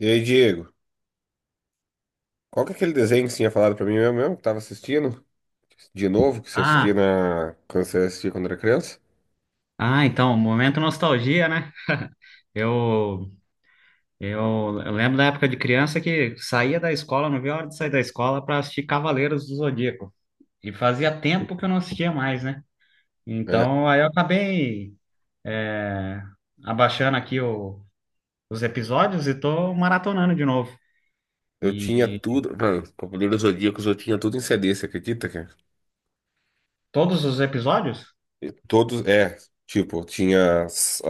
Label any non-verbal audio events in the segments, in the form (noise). E aí, Diego, qual que é aquele desenho que você tinha falado pra mim mesmo, mesmo que tava assistindo? De novo, que você assistia Ah, quando você assistia quando era criança? ah, então, momento nostalgia, né? Eu, eu, eu lembro da época de criança que saía da escola, não via a hora de sair da escola para assistir Cavaleiros do Zodíaco. E fazia tempo que eu não assistia mais, né? É, Então, aí eu acabei é, abaixando aqui os episódios e tô maratonando de novo. eu tinha E tudo, mano, Cavaleiros Zodíacos, eu tinha tudo em CD, você acredita, cara? todos os episódios? E todos, é, tipo, tinha as-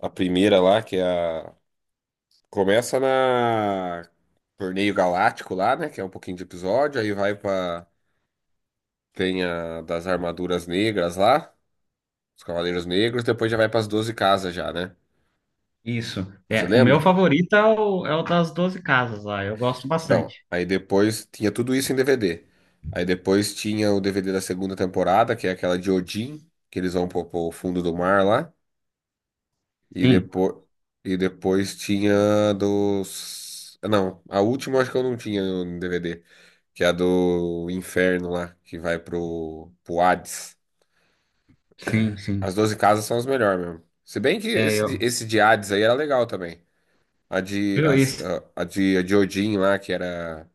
a, a primeira lá, que é começa na Torneio Galáctico lá, né, que é um pouquinho de episódio, tem a das armaduras negras lá, os Cavaleiros Negros, depois já vai pras 12 casas já, né? Isso. Você É, o meu lembra? favorito é é o das 12 casas lá, eu gosto Então, bastante. aí depois tinha tudo isso em DVD. Aí depois tinha o DVD da segunda temporada, que é aquela de Odin, que eles vão pro fundo do mar lá. E Sim, depois, e depois tinha não, a última acho que eu não tinha no DVD, que é a do Inferno lá, que vai pro Hades. sim, sim. As 12 casas são as melhores mesmo. Se bem que É, esse, de- eu, esse de Hades aí era legal também. A de, viu, as- isso, a de Odin lá, que era.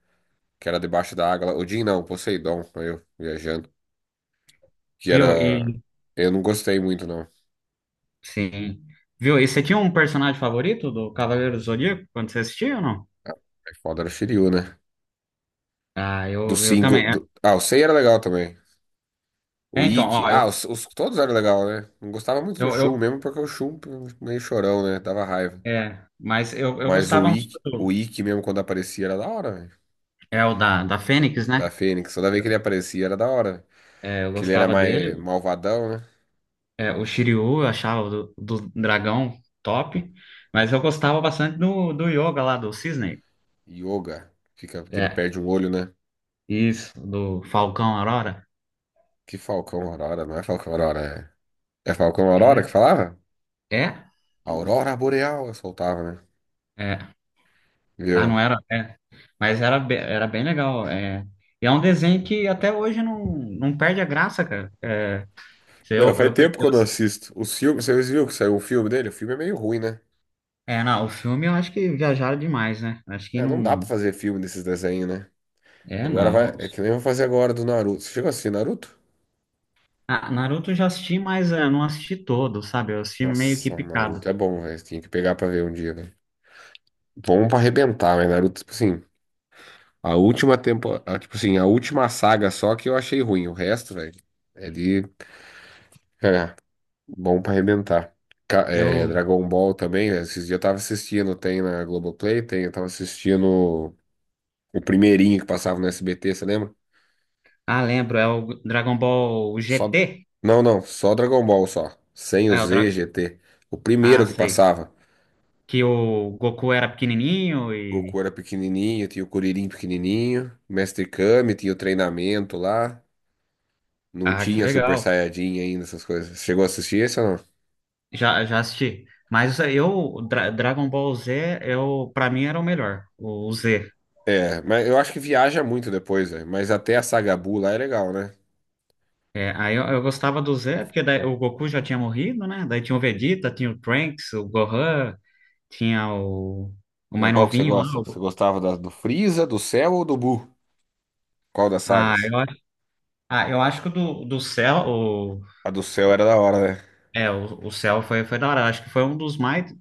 que era debaixo da água lá. Odin não, Poseidon, eu viajando. Que viu? era. Eu não gostei muito, não. Sim. Viu? E você tinha um personagem favorito do Cavaleiro do Zodíaco quando você assistia ou não? É foda, era o Shiryu, né? Ah, eu também. É, Ah, o Sei era legal também. O é, então, Ikki. ó, Ah, todos eram legal, né? Não gostava muito do eu, Shun, eu- mesmo porque o Shun meio chorão, né? Dava raiva. é, mas eu Mas o gostava muito Ikki, o do, Ikki mesmo quando aparecia era da hora, velho. é o da, da Fênix, Da né? Fênix. Toda vez que ele aparecia era da hora. É, eu Que ele era gostava mais dele. malvadão, né? É, o Shiryu, eu achava o do, do dragão top, mas eu gostava bastante do, do Yoga lá, do Cisne. Yoga. Fica, que ele É, perde um olho, né? isso, do Falcão Aurora. Que Falcão Aurora, não é Falcão Aurora, é. É Falcão Aurora É, que falava? é. Aurora Boreal, eu soltava, né? Ah, Viu? não era, é. Mas era, be- era bem legal. É. E é um desenho que até hoje não, não perde a graça, cara. É, se É, faz eu, perdi. tempo que Eu eu não assisto. Os filmes, vocês viram que saiu o filme dele? O filme é meio ruim, né? é, não, o filme eu acho que viajaram demais, né? Acho que É, não dá pra não. fazer filme desses desenhos, né? É, Agora vai. não. É que nem eu vou fazer agora do Naruto. Você chegou a assistir Naruto? Ah, Naruto eu já assisti, mas é, não assisti todo, sabe? Eu assisti meio que Nossa, o picado. Naruto é bom, velho. Tinha que pegar pra ver um dia, velho. Bom pra arrebentar, mas Naruto, tipo assim, a última tempo, a- tipo assim, a última saga só que eu achei ruim. O resto, velho, é de. (laughs) Bom pra arrebentar. É, Eu. Dragon Ball também, né? Esses dias eu tava assistindo, tem na Globoplay, tem, eu tava assistindo o primeirinho que passava no SBT, você lembra? Ah, lembro, é o Dragon Ball Só. GT. Não, não, só Dragon Ball só. Sem o É o Dra... Z, GT. O Ah, primeiro que sei. passava. Que o Goku era pequenininho e. Goku era pequenininho, tinha o Kuririn pequenininho, Mestre Kame, tinha o treinamento lá. Não Ah, que tinha Super legal. Saiyajin ainda, essas coisas. Chegou a assistir esse ou não? Já, já assisti. Mas eu, Dra- Dragon Ball Z, eu, pra mim era o melhor, o Z. É, mas eu acho que viaja muito depois, velho. Mas até a Saga Buu lá é legal, né? É, aí eu gostava do Z, porque daí o Goku já tinha morrido, né? Daí tinha o Vegeta, tinha o Trunks, o Gohan, tinha o Mas mais qual que você novinho lá. gosta? Você gostava do Freeza, do Cell ou do Buu? Qual das ah, sagas? eu, acho- ah, eu acho que o do, do Cell, o, A do Cell era da hora, né? é, o Cell foi, foi da hora. Eu acho que foi um dos mais,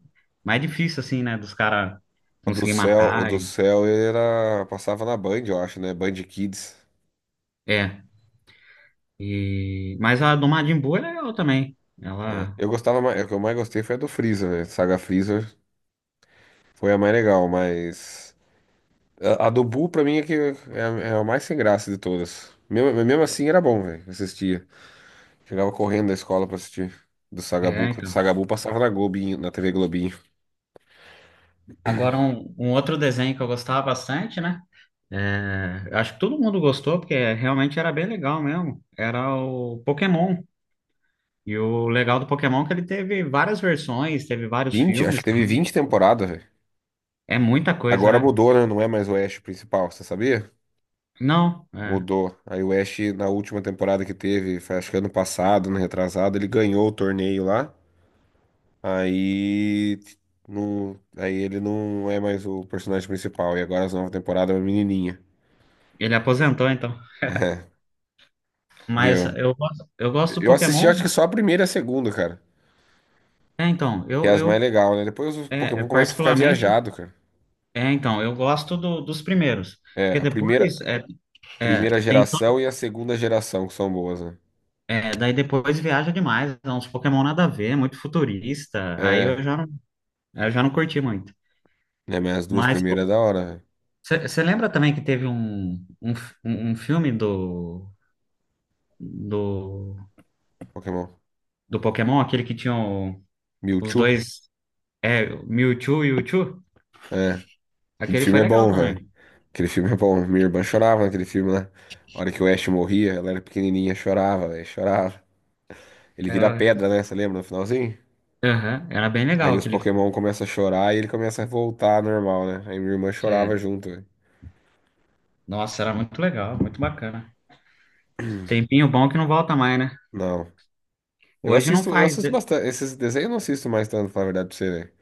mais difíceis, assim, né? Dos caras O do conseguir Cell, o matar. do E, Cell era... Passava na Band, eu acho, né? Band Kids. é. E, mas a do Majin Buu é legal também. É. Ela. Eu gostava mais... O que eu mais gostei foi a do Freeza, né? Saga Freeza foi a mais legal, mas... A do Buu, pra mim, é, que é, a é a mais sem graça de todas. Mesmo, mesmo assim, era bom, velho. Assistia. Chegava correndo da escola pra assistir. Do Saga Buu, É, que o então. Saga Buu passava na Globinho, na TV Globinho. Agora, um outro desenho que eu gostava bastante, né? É, acho que todo mundo gostou, porque realmente era bem legal mesmo. Era o Pokémon. E o legal do Pokémon é que ele teve várias versões, teve vários Acho filmes que teve também. 20 temporadas, velho. É muita coisa, Agora né? mudou, né? Não é mais o Ash principal, você sabia? Não, é, Mudou. Aí o Ash, na última temporada que teve, foi acho que ano passado, ano retrasado, ele ganhou o torneio lá. Aí. Não, aí ele não é mais o personagem principal. E agora as novas temporadas é uma menininha. (laughs) ele aposentou, então. É, Mas viu? Eu gosto do Eu assisti Pokémon. acho que só a primeira e a segunda, cara. É, então, Que é eu, as mais eu legais, né? Depois os é, Pokémon eu começam a ficar particularmente. viajado, cara. É, então, eu gosto do- dos primeiros. É, Porque a primeira, depois é, é, primeira tem geração e a segunda geração que são boas, né? É, daí depois viaja demais, é uns Pokémon nada a ver, muito futurista, aí É, eu já não curti muito. né? Mas as duas Mas primeiras é da hora, né? você lembra também que teve f- um filme do, Pokémon. do Pokémon, aquele que tinha o- os Mewtwo? dois, é, Mewtwo e Mewtwo? É. Aquele Aquele filme foi é legal bom, velho. também. Aquele filme é bom. Minha irmã chorava naquele filme lá. A hora que o Ash morria, ela era pequenininha, chorava, velho, chorava. Ele vira Era, pedra, né? Você lembra no finalzinho? aham, era bem legal Aí os aquele. Pokémon começam a chorar e ele começa a voltar normal, né? Aí minha irmã chorava É. junto, velho. Nossa, era muito legal, muito bacana. Tempinho bom que não volta mais, né? Não. Eu Hoje não assisto, eu faz. assisto De- bastante. Esses desenhos eu não assisto mais tanto, pra falar a verdade pra você, né?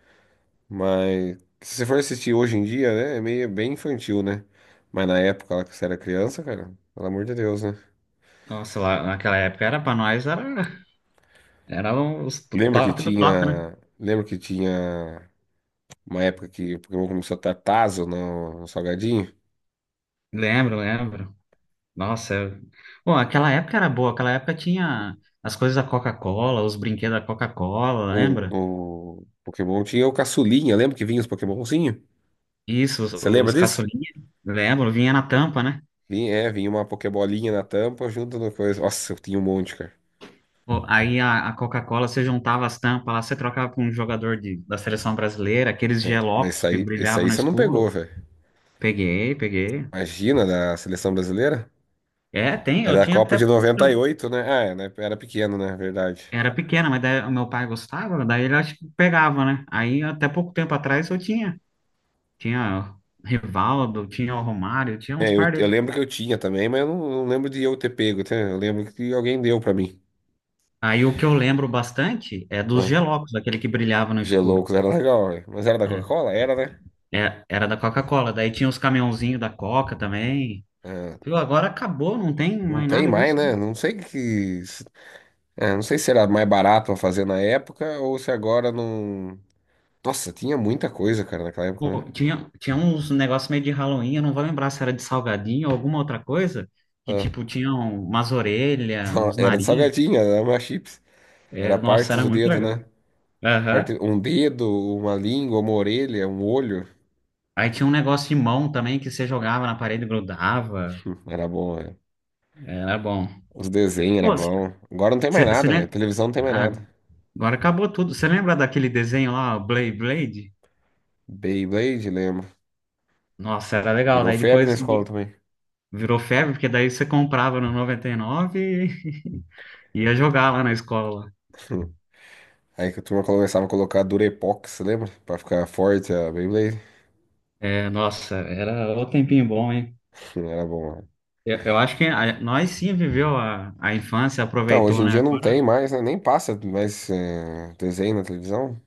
Mas se você for assistir hoje em dia, né? É meio bem infantil, né? Mas na época lá que você era criança, cara, pelo amor de Deus, né? Nossa, lá naquela época era pra nós, era. Era um, os top do top, né? Lembra que tinha uma época que o Pokémon começou a estar Tazo no Salgadinho? Lembro, lembro. Nossa, eu- bom, aquela época era boa. Aquela época tinha as coisas da Coca-Cola, os brinquedos da Coca-Cola, Ou lembra? no Pokémon tinha o Caçulinha, lembra que vinha os Pokémonzinho? Isso, Você lembra os disso? caçulinhas, lembro, vinha na tampa, né? Vinha, é, vinha uma Pokébolinha na tampa junto no coisa. Nossa, eu tinha um monte, cara. Pô, aí a Coca-Cola, você juntava as tampas lá, você trocava com um jogador de, da seleção brasileira, aqueles É, mas gelocos esse que aí, esse brilhavam aí no você não pegou, escuro. velho. Peguei, peguei. Imagina, da seleção brasileira? É, tem, É eu da tinha Copa até. de 98, né? Ah, é, né? Era pequeno, né? Verdade. Era pequena, mas daí o meu pai gostava, daí ele acho que pegava, né? Aí até pouco tempo atrás eu tinha. Tinha Rivaldo, tinha o Romário, tinha uns É, eu, par eu dele. lembro que eu tinha também, mas eu não lembro de eu ter pego, tá? Eu lembro que alguém deu pra mim. Aí o que eu lembro bastante é dos Ah. Gelocos, aquele que brilhava no escuro. Geloucos era legal, velho. Mas era da É, Coca-Cola? Era, né? é, era da Coca-Cola. Daí tinha os caminhãozinhos da Coca também. Ah, Viu, agora acabou, não tem não mais tem nada mais, disso. né? Não sei que. Se- É, não sei se era mais barato pra fazer na época ou se agora não. Nossa, tinha muita coisa, cara, naquela época, né? Pô, tinha, tinha uns negócios meio de Halloween, eu não vou lembrar se era de salgadinho ou alguma outra coisa, que Ah, tipo, tinham umas orelhas, (laughs) uns era de nariz. salgadinho, era uma chips. Era É, nossa, partes era do muito dedo, legal. né? Aham. Um dedo, uma língua, uma orelha, um olho. (laughs) Aí tinha um negócio de mão também que você jogava na parede e grudava. Era bom, velho. Era bom. Os desenhos era Pô, bom. Agora não tem mais você nada, velho. lembra? Televisão não tem mais Ah, nada. agora acabou tudo. Você lembra daquele desenho lá, o Blade Blade? Beyblade, lembro. Nossa, era legal. Virou Daí febre na depois escola vi- também. virou febre, porque daí você comprava no 99 e nove e (laughs) ia jogar lá na escola. (laughs) Aí que a turma começava a colocar Durepox, lembra? Pra ficar forte a Beyblade. É, nossa, era o tempinho bom, hein? (laughs) Era bom, né? Eu acho que a- nós sim viveu a infância, Então, hoje aproveitou, em né? dia não tem mais, né? Nem passa mais desenho na televisão.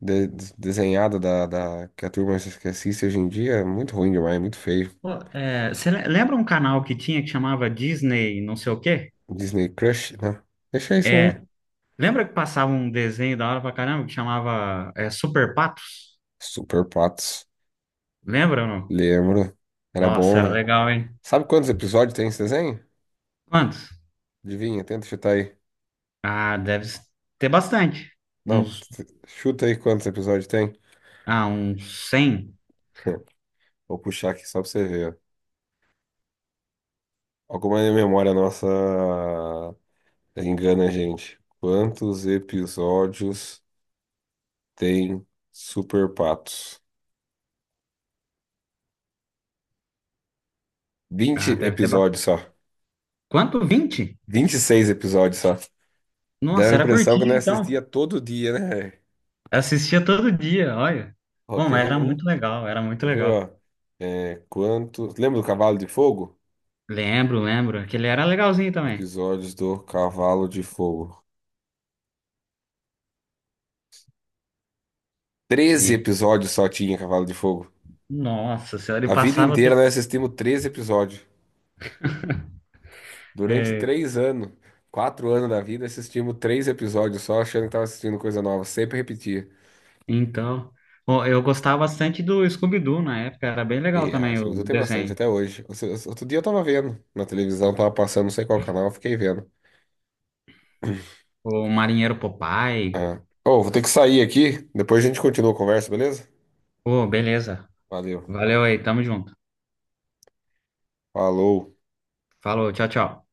Desenhado que a turma que assiste hoje em dia é muito ruim demais, muito feio. Pô, é, você le- lembra um canal que tinha que chamava Disney, não sei o quê? Disney Crush, né? Deixa isso, É. né? Lembra que passava um desenho da hora pra caramba que chamava é, Super Patos? Super Patos. Lembra ou não? Lembro. Era Nossa, bom, era né? legal, hein? Sabe quantos episódios tem esse desenho? Quantos? Adivinha, tenta chutar aí. Ah, deve ter bastante. Não, Uns, t- Chuta aí quantos episódios tem. ah, uns 100. (laughs) Vou puxar aqui só pra você ver, alguma memória nossa engana a gente. Quantos episódios tem Super Patos? Vinte Ah, deve ter bastante. episódios só. Quanto? 20? 26 episódios só. Dá Nossa, a era impressão que curtinho, nós então. assistia todo dia, né, velho? Assistia todo dia, olha. Ó, Bom, quer mas ver era um? muito legal, era muito Quer ver, legal. ó. É, quantos... Lembra do Cavalo de Fogo? Lembro, lembro. Aquele era legalzinho também. Episódios do Cavalo de Fogo. Treze E, episódios só tinha Cavalo de Fogo. nossa senhora, ele A vida passava inteira tudo. nós assistimos 13 episódios. Durante É, 3 anos, 4 anos da vida, assistimos 3 episódios só, achando que tava assistindo coisa nova. Sempre repetia. então, bom, eu gostava bastante do Scooby-Doo na época. Era bem legal E ah, também isso eu o tenho bastante desenho. até hoje. Outro dia eu tava vendo na televisão, tava passando, não sei qual canal, eu fiquei vendo. O Marinheiro Popeye. Ah. Oh, vou ter que sair aqui. Depois a gente continua a conversa, beleza? Pô, beleza. Valeu. Valeu aí, tamo junto. Falou. Falou, tchau, tchau.